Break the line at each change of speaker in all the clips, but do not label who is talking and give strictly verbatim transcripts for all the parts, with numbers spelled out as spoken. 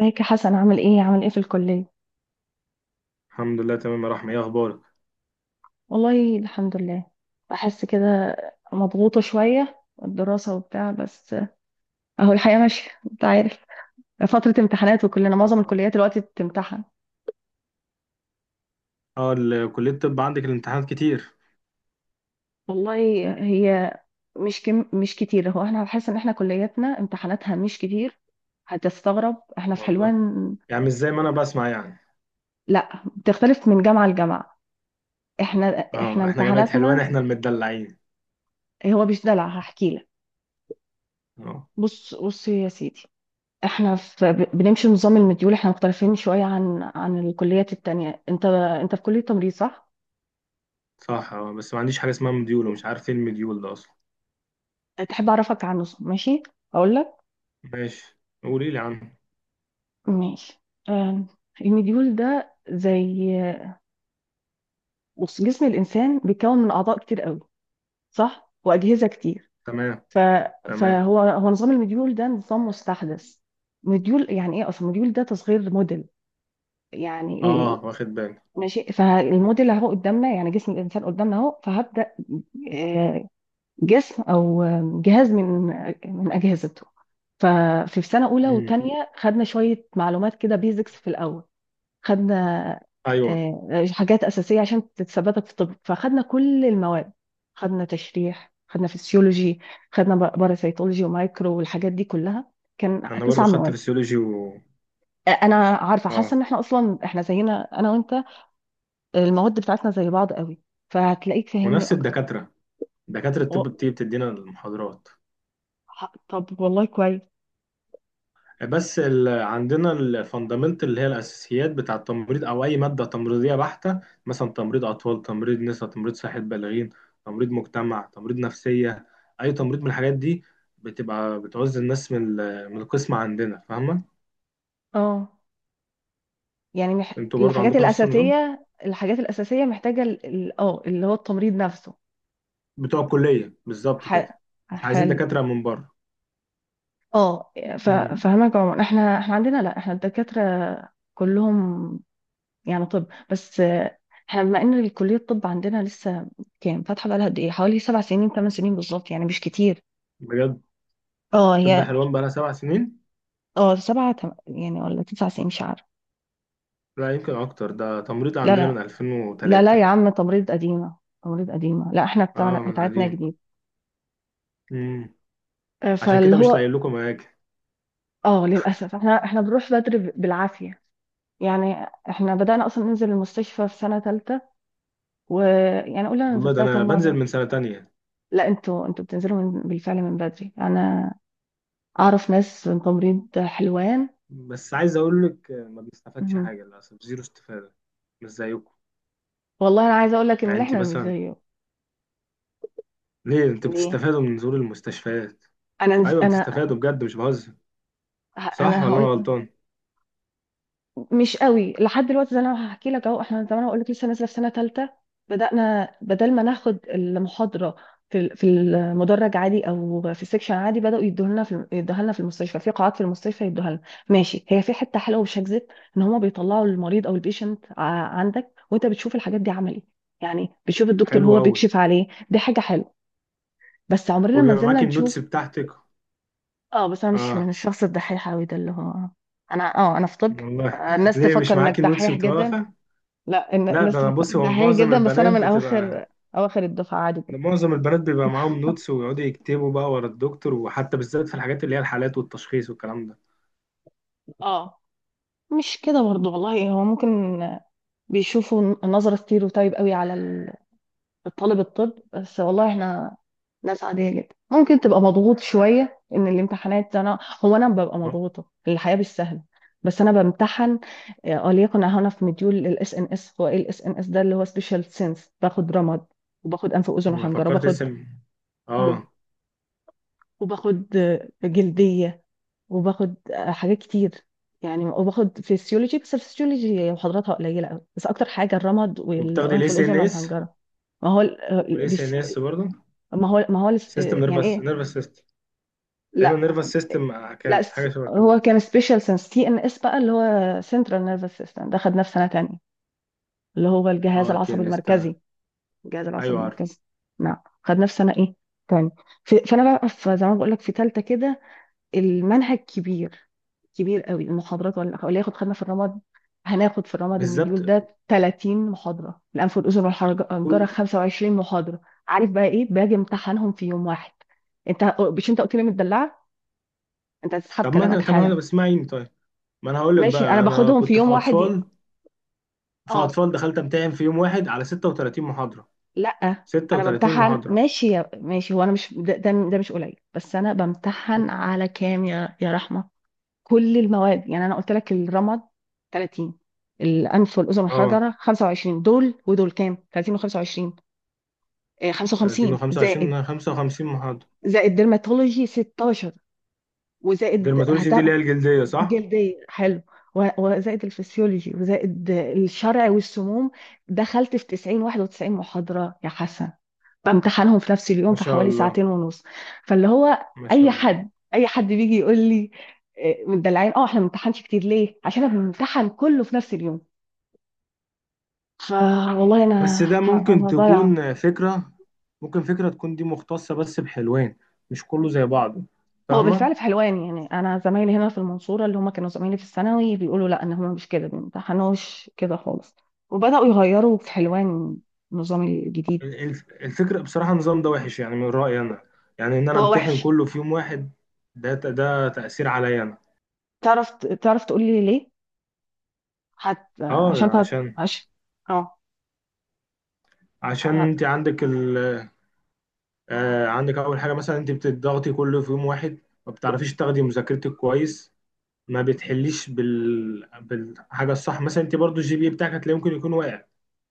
ازيك يا حسن، عامل ايه عامل ايه في الكلية؟
الحمد لله تمام يا رحمة، ايه اخبارك؟
والله الحمد لله. بحس كده مضغوطة شوية، الدراسة وبتاع، بس اهو الحياة ماشية انت عارف. فترة امتحانات وكلنا، معظم
اه
الكليات دلوقتي بتمتحن.
اه ال- كلية الطب عندك الامتحانات كتير؟
والله هي مش كم مش كتير. هو احنا بحس ان احنا كلياتنا امتحاناتها مش كتير. هتستغرب، احنا في
والله
حلوان.
يعني مش زي ما انا بسمع يعني.
لا بتختلف من جامعة لجامعة. احنا احنا
اه احنا جامعة حلوان
امتحاناتنا،
احنا المدلعين.
هو مش دلع، هحكي لك.
اه
بص بص يا سيدي، احنا في ب- بنمشي نظام المديول، احنا مختلفين شوية عن عن الكليات التانية. انت انت في كلية تمريض صح؟
صح، اه بس ما عنديش حاجة اسمها مديول ومش عارف ايه المديول ده اصلا.
تحب اعرفك عنه ماشي؟ اقول لك.
ماشي قولي لي عنه.
ماشي. آم، المديول ده زي، بص، جسم الانسان بيتكون من اعضاء كتير قوي صح؟ واجهزة كتير.
تمام.
ف...
تمام.
فهو، هو نظام المديول ده نظام مستحدث. مديول يعني ايه اصلا؟ مديول ده تصغير موديل. يعني إيه؟
اه واخد بالي.
ماشي، فالموديل اهو قدامنا، يعني جسم الانسان قدامنا اهو، فهبدأ آه، جسم او جهاز من من اجهزته. ففي سنه اولى
امم.
وثانيه خدنا شويه معلومات كده، بيزكس في الاول. خدنا
ايوه
آه، حاجات اساسيه عشان تثبتك في الطب، فخدنا كل المواد. خدنا تشريح، خدنا فسيولوجي، خدنا باراسيتولوجي ومايكرو والحاجات دي كلها. كان
انا برضو
تسع
خدت
مواد.
فسيولوجي و
آه، انا عارفه، حاسه
اه
ان احنا اصلا احنا زينا انا وانت. المواد بتاعتنا زي بعض قوي، فهتلاقيك فاهمني
ونفس
اكتر.
الدكاترة، دكاترة الطب
و-
بتيجي بتدينا المحاضرات.
ح- طب والله كويس.
بس ال... عندنا الفاندامنتال اللي هي الاساسيات بتاع التمريض او اي ماده تمريضيه بحته. مثلا تمريض اطفال، تمريض نساء، تمريض صحه بالغين، تمريض مجتمع، تمريض نفسيه، اي تمريض من الحاجات دي بتبقى بتعوز الناس من ال... من القسم عندنا، فاهمه؟
اه. يعني مح...
انتوا برضو
الحاجات
عندكم نفس النظام
الأساسية، الحاجات الأساسية محتاجة ال- ال- اه اللي هو التمريض نفسه.
بتوع الكليه بالظبط
ح...
كده، مش عايزين
حلو.
دكاتره من بره.
اه. ف...
امم.
فهمك يا عمر، احنا احنا عندنا لا، احنا الدكاترة كلهم، يعني طب. بس آه، احنا بما ان الكلية الطب عندنا لسه كام، فاتحة بقالها قد ايه، حوالي سبع سنين، ثمان سنين بالظبط، يعني مش كتير.
بجد؟
اه
طب
هي.
حلوان بقى لها سبع سنين؟
اه سبعة تم... يعني، ولا تسع سنين مش عارفة.
لا يمكن اكتر، ده تمريض
لا
عندنا من
لا، لا لا يا
ألفين وثلاثة.
عم، تمريض قديمة. تمريض قديمة، لا، احنا بتاعنا
اه من
بتاعتنا
قديم.
جديد.
امم.
آه،
عشان
فاللي
كده مش
هو
لاقي لكم اماكن.
اه، للأسف احنا احنا بنروح بدري، ب- بالعافية يعني. احنا بدأنا أصلا ننزل المستشفى في سنة تالتة، ويعني قولي أنا
والله ده
نزلتها
انا
كم
بنزل
مرة.
من سنة تانية.
لا انتوا انتوا بتنزلوا من، بالفعل من بدري. أنا أعرف ناس من تمريض حلوان.
بس عايز اقول لك ما بنستفادش
مهم.
حاجة للاسف، زيرو استفادة، مش زيكم.
والله أنا عايزة أقول لك
يعني
إن
انت
احنا مش
مثلا،
زيه.
ليه انت
ليه؟
بتستفادوا من نزول المستشفيات؟
أنا نز...
ايوه
أنا
بتستفادوا بجد مش بهزر،
ه- أنا
صح ولا انا
هقول،
غلطان؟
مش قوي لحد دلوقتي، زي ما انا هحكي لك اهو. احنا زي ما انا بقول لك لسه نازله في سنه ثالثه. بدانا بدل ما ناخد المحاضره في ال- في المدرج عادي او في السكشن عادي، بداوا يدوها لنا في يدوها لنا في المستشفى، في قاعات في المستشفى يدوها لنا. ماشي، هي في حته حلوه مش هكذب، ان هما بيطلعوا المريض او البيشنت عندك وانت بتشوف الحاجات دي عملي، يعني بتشوف الدكتور
حلو
هو
قوي.
بيكشف عليه، دي حاجه حلوه. بس عمرنا ما
وبيبقى
نزلنا
معاك النوتس
نشوف.
بتاعتك؟
اه، بس انا مش
اه.
من الشخص الدحيح قوي ده، اللي هو انا اه، انا في طب
والله
فالناس
ليه
تفكر
مش معاك
انك
النوتس
دحيح
بتبقى
جدا.
واقفة؟
لا، الن-
لا
الناس
ده انا
تفكرك
بص، هو
دحيح
معظم
جدا، بس انا
البنات
من
بتبقى،
اواخر، اواخر الدفعه عادي
ده
جدا.
معظم البنات بيبقى معاهم نوتس ويقعدوا يكتبوا بقى ورا الدكتور، وحتى بالذات في الحاجات اللي هي الحالات والتشخيص والكلام ده.
اه مش كده برضو والله. هو ممكن بيشوفوا نظرة ستيروتايب قوي على ال- الطالب الطب، بس والله احنا ناس عادية جدا، ممكن تبقى مضغوط شوية ان الامتحانات. انا، هو انا ببقى
ما-
مضغوطة، الحياة مش سهلة، بس انا بمتحن. آه، وليكن هنا في مديول الاس ان اس، هو ايه الاس ان اس ده؟ اللي هو سبيشال سينس. باخد رمد، وباخد انف واذن
انا
وحنجرة،
فكرت
باخد.
اسم.
مم.
اه.
وباخد آه، جلدية، وباخد حاجات كتير يعني. وباخد فيسيولوجي، بس الفسيولوجي محاضراتها قليله قوي، بس اكتر حاجه الرمد
وبتاخدي الاي
والانف
سي ان
والاذن
اس؟
والحنجره. ما هو ال- ال-
والاي سي ان
بيس-
اس برضه،
ما هو ما هو الس-
سيستم
يعني
نيرفس
ايه؟
نيرفس سيستم. دايما
لا،
نيرفس سيستم
لا
كانت
س-
حاجه شبه
هو
كده.
كان سبيشال سنس، تي ان اس بقى اللي هو سنترال نيرفس سيستم، ده خدناه في سنه تانية، اللي هو الجهاز
اه تي
العصبي
ان اس، تمام.
المركزي. الجهاز العصبي
ايوه عارف.
المركزي. نعم. خدناه في سنه ايه، تاني. في- فانا بقى في- زي ما بقول لك في ثالثه كده. المنهج كبير، كبير قوي المحاضرات. ولا ولا ياخد، خدنا في الرمد. هناخد في الرمد،
بالظبط.
المديول ده ثلاثين محاضرة، الأنف والأذن والحنجرة
كل-
خمسة وعشرين محاضرة. عارف بقى إيه؟ باجي امتحنهم في يوم واحد. أنت مش أنت قلت لي متدلعة، أنت هتسحب
طب ما انا
كلامك
طب ما
حالا.
انا اسمعيني طيب، ما انا هقول لك
ماشي، أنا
بقى، انا
باخدهم في
كنت
يوم
في
واحد، ي-
اطفال. في
أه
اطفال دخلت امتحن في يوم واحد على ستة وتلاتين محاضره.
لأ أنا
ستة وتلاتين
بمتحن
محاضره.
ماشي يا، ماشي، هو أنا مش، ده, ده, ده مش قليل، بس أنا بمتحن على كام يا يا رحمة؟ كل المواد يعني. أنا قلت لك الرمد ثلاثين، الانف والاذن
اه.
والحجره خمسة وعشرين، دول ودول كام؟ ثلاثين و25،
تلاتين
خمسة وخمسين زائد،
و25، خمسة وخمسين محاضره.
زائد ديرماتولوجي ستاشر، وزائد
ديرماتولوجي
هت...
دي اللي هي الجلديه صح؟
جلديه حلو، و- وزائد الفسيولوجي، وزائد الشرع والسموم. دخلت في تسعين واحد وتسعين محاضره يا حسن، بامتحنهم في نفس اليوم
ما
في
شاء
حوالي
الله.
ساعتين ونص. فاللي هو،
ما شاء
اي
الله.
حد اي حد بيجي يقول لي إيه، مدلعين. اه احنا ما بنمتحنش كتير ليه؟ عشان احنا بنمتحن كله في نفس اليوم. فوالله انا،
بس ده ممكن
انا ضايعه.
تكون فكرة، ممكن فكرة تكون دي مختصة بس بحلوان، مش كله زي بعضه،
هو
فاهمة؟
بالفعل في حلوان يعني، انا زمايلي هنا في المنصوره اللي هم كانوا زمايلي في الثانوي بيقولوا لا ان هم مش كده، ما امتحنوش كده خالص. وبداوا يغيروا في حلوان النظام الجديد.
ال- الف- الفكرة بصراحة النظام ده وحش يعني من رأيي أنا، يعني إن أنا
هو
أمتحن
وحش.
كله في يوم واحد، ده ده تأثير عليا أنا.
تعرف، تعرف تقول لي ليه؟ هت...
أه
عشان تعرف.
عشان،
عش... اه.
عشان
هت...
أنت عندك ال، آه عندك أول حاجة مثلا أنت بتضغطي كله في يوم واحد، ما بتعرفيش تاخدي مذاكرتك كويس، ما بتحليش بال بالحاجة الصح، مثلا أنت برضو الجي بي إيه بتاعك هتلاقي ممكن يكون واقع.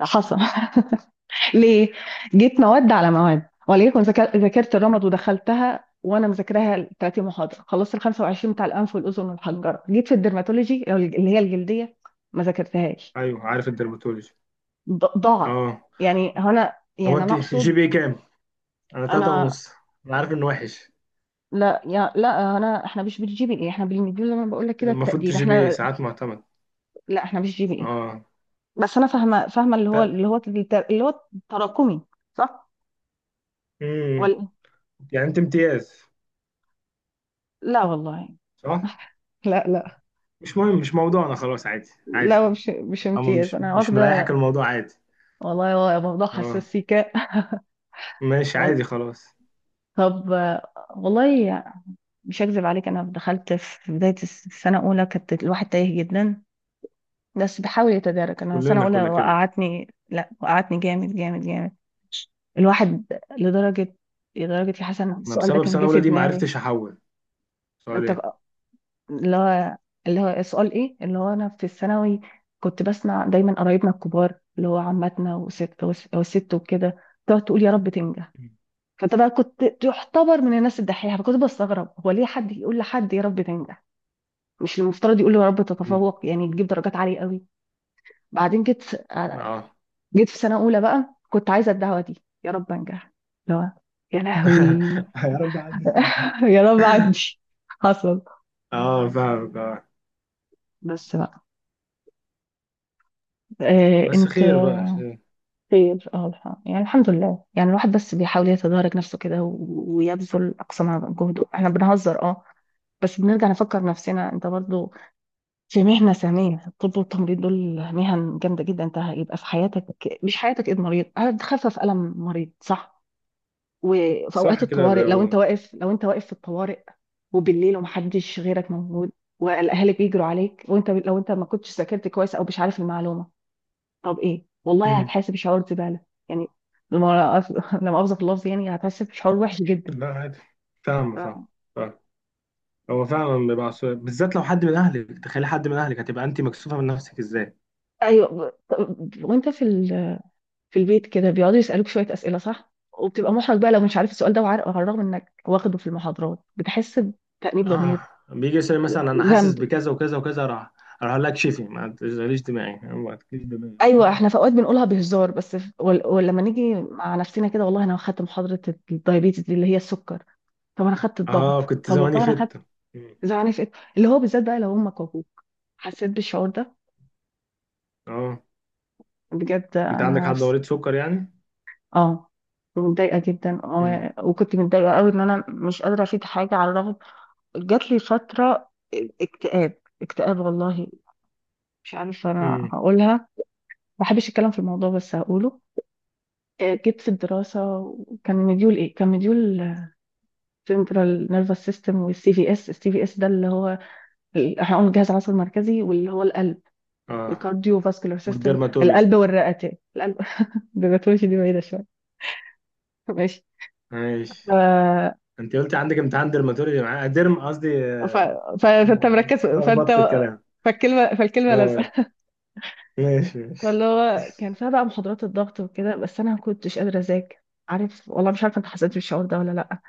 حصل ليه؟ جيت مواد على مواد، وليكن ذاك- ذاكرت الرمد ودخلتها وانا مذاكراها ثلاثين محاضره، خلصت ال خمسة وعشرين بتاع الانف والاذن والحنجره، جيت في الدرماتولوجي اللي هي الجلديه، ما ذاكرتهاش،
أيوه عارف الدرماتولوجي.
ض- ضاعت.
أه.
يعني هنا
هو
يعني انا
انت
اقصد.
جي بي كام؟ انا تلاتة
انا،
ونص. انا عارف انه وحش،
لا يا، لا انا، احنا مش بالجي بي اي، احنا بالمديول زي ما بقول لك كده
المفروض
التقدير
تجي بي
احنا.
ساعات معتمد.
لا احنا مش جي بي اي.
اه.
بس انا فاهمه، فاهمه اللي هو
تا-
اللي هو التر- اللي هو التراكمي، صح؟
امم.
ولا؟
يعني انت امتياز
لا والله
صح؟
لا لا،
مش مهم مش موضوعنا خلاص، عادي عادي.
لا مش مش
اما
امتياز،
مش
انا
مش مريحك
واخده.
الموضوع عادي.
والله هو موضوع
اه
حساس سيكا
ماشي
وال-
عادي خلاص.
طب آه، والله مش هكذب عليك، انا دخلت في بدايه الس- السنه الاولى كانت الواحد تايه جدا، بس بحاول يتدارك. انا السنه
كلنا
الاولى
كنا كده.
وقعتني، لا وقعتني جامد جامد جامد. الواحد، لدرجه، لدرجه يا حسن
انا
السؤال ده
بسبب
كان
سنة
جه في
اولى دي ما
دماغي.
عرفتش احول
انت
سؤالين.
بقى- اللي هو، اللي هو سؤال ايه؟ اللي هو انا في الثانوي كنت بسمع دايما قرايبنا الكبار اللي هو عماتنا وست وست وكده، تقعد تقول يا رب تنجح. فانت بقى كنت تعتبر من الناس الدحيحه، فكنت بستغرب، هو ليه حد يقول لحد يا رب تنجح؟ مش المفترض يقول له يا رب
مم.
تتفوق؟ يعني تجيب درجات عاليه قوي. بعدين جيت،
اه.
جيت في سنه اولى بقى كنت عايزه الدعوه دي، يا رب انجح. لا، يا لهوي
يا رب عندي صوفي.
يا رب عندي. حصل.
اه فاهمك اه.
بس بقى، آه
بس
انت،
خير بقى خير.
خير. اه، الح- يعني الحمد لله. يعني الواحد بس بيحاول يتدارك نفسه كده، و- ويبذل اقصى ما جهده. احنا بنهزر اه، بس بنرجع نفكر نفسنا، انت برضو في مهنة ثانية. الطب والتمريض دول مهن جامدة جدا، انت هيبقى في حياتك، مش حياتك، ايد مريض هتخفف ألم مريض صح؟ وفي أوقات
صح كده ده
الطوارئ لو انت
هو.
واقف، لو انت واقف في الطوارئ وبالليل ومحدش غيرك موجود، والأهالي بيجروا عليك، وانت لو انت ما كنتش ذاكرت كويس أو مش عارف المعلومة، طب ايه؟ والله
مم.
هتحاسب شعور زبالة يعني، لما لما أفظ في اللفظ يعني، هتحاسب شعور وحش جدا.
لا عادي، فاهم
ف-
صح. هو فعلا بيبقى عصبي بالذات لو حد من اهلك، تخيل حد من اهلك، هتبقى انت مكسوفه من نفسك ازاي.
ايوه ب- وانت في في البيت كده بيقعدوا يسألوك شوية أسئلة صح؟ وبتبقى محرج بقى لو مش عارف السؤال ده، وعارف على الرغم إنك واخده في المحاضرات، بتحس بتأنيب ضمير،
اه بيجي يسأل مثلا انا
ذنب.
حاسس بكذا وكذا وكذا، راح راح أقول لك شفي ما تشغليش دماغي ما تشغليش دماغي.
ايوه احنا في اوقات بنقولها بهزار، بس في- ول- ولما نيجي مع نفسنا كده، والله انا خدت محاضره الدايابيتس دي اللي هي السكر، طب انا خدت الضغط،
اه كنت
طب
زماني
والله انا خدت
فت. مم.
زعلانه في إيه؟ اللي هو بالذات بقى لو امك وابوك، حسيت بالشعور ده
اه
بجد.
انت عندك
انا
حد
في-
مريض سكر يعني؟
اه متضايقه جدا،
امم.
آه، وكنت متضايقه قوي ان انا مش قادره افيد حاجه على الرغم. جات لي فترة اكتئاب، اكتئاب والله. مش عارفة أنا
امم.
هقولها، ما بحبش الكلام في الموضوع بس هقوله. آه، جيت في الدراسة، وكان مديول إيه؟ كان مديول سنترال نيرفس سيستم. والسي في اس، السي في اس ده اللي هو ال- احنا قلنا الجهاز العصبي المركزي، واللي هو القلب،
اه
الكارديو فاسكولار سيستم،
والديرماتولوجي.
القلب والرئتين، القلب. الباثولوجي دي بعيدة شوية ماشي.
ماشي.
ف...
انت قلت عندك امتحان ديرماتولوجي معاه، ديرم قصدي
ف...
آه،
ف... فأنت
أنا
مركز، فأنت،
لخبطت الكلام.
فالكلمة، فالكلمة
اه
لازقة.
ماشي ماشي.
فاللي هو كان فيها بقى محاضرات الضغط وكده، بس انا ما كنتش قادره اذاكر. عارف، والله مش عارفه انت حسيت بالشعور ده ولا لا.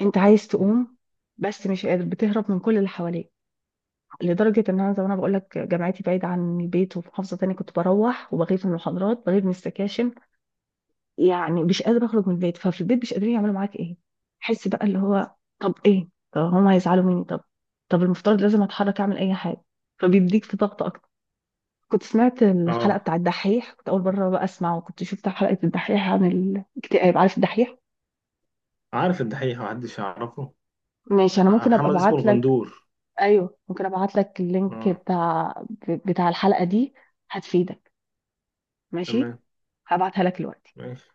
انت عايز
مم.
تقوم بس مش قادر، بتهرب من كل اللي حواليك، لدرجه ان انا زي ما انا بقول لك جامعتي بعيد عن البيت وفي محافظه تانية، كنت بروح وبغيب من المحاضرات، بغيب من السكاشن، يعني مش قادره اخرج من البيت. ففي البيت مش قادرين يعملوا معاك ايه؟ حس بقى اللي هو طب ايه، طب هم هيزعلوا مني، طب طب المفترض لازم اتحرك اعمل اي حاجه، فبيديك في ضغط. كنت سمعت الحلقة
اه.
بتاع الدحيح، كنت أول مرة بقى أسمعه، كنت شفت حلقة الدحيح عن الاكتئاب. عارف الدحيح؟
عارف الدحيح، محدش يعرفه.
ماشي، أنا
آه،
ممكن أبقى
محمد اسمه
أبعت لك.
الغندور.
أيوه ممكن أبعت لك اللينك
اه
بتاع، بتاع الحلقة دي، هتفيدك، ماشي؟
تمام
هبعتها لك دلوقتي.
ماشي.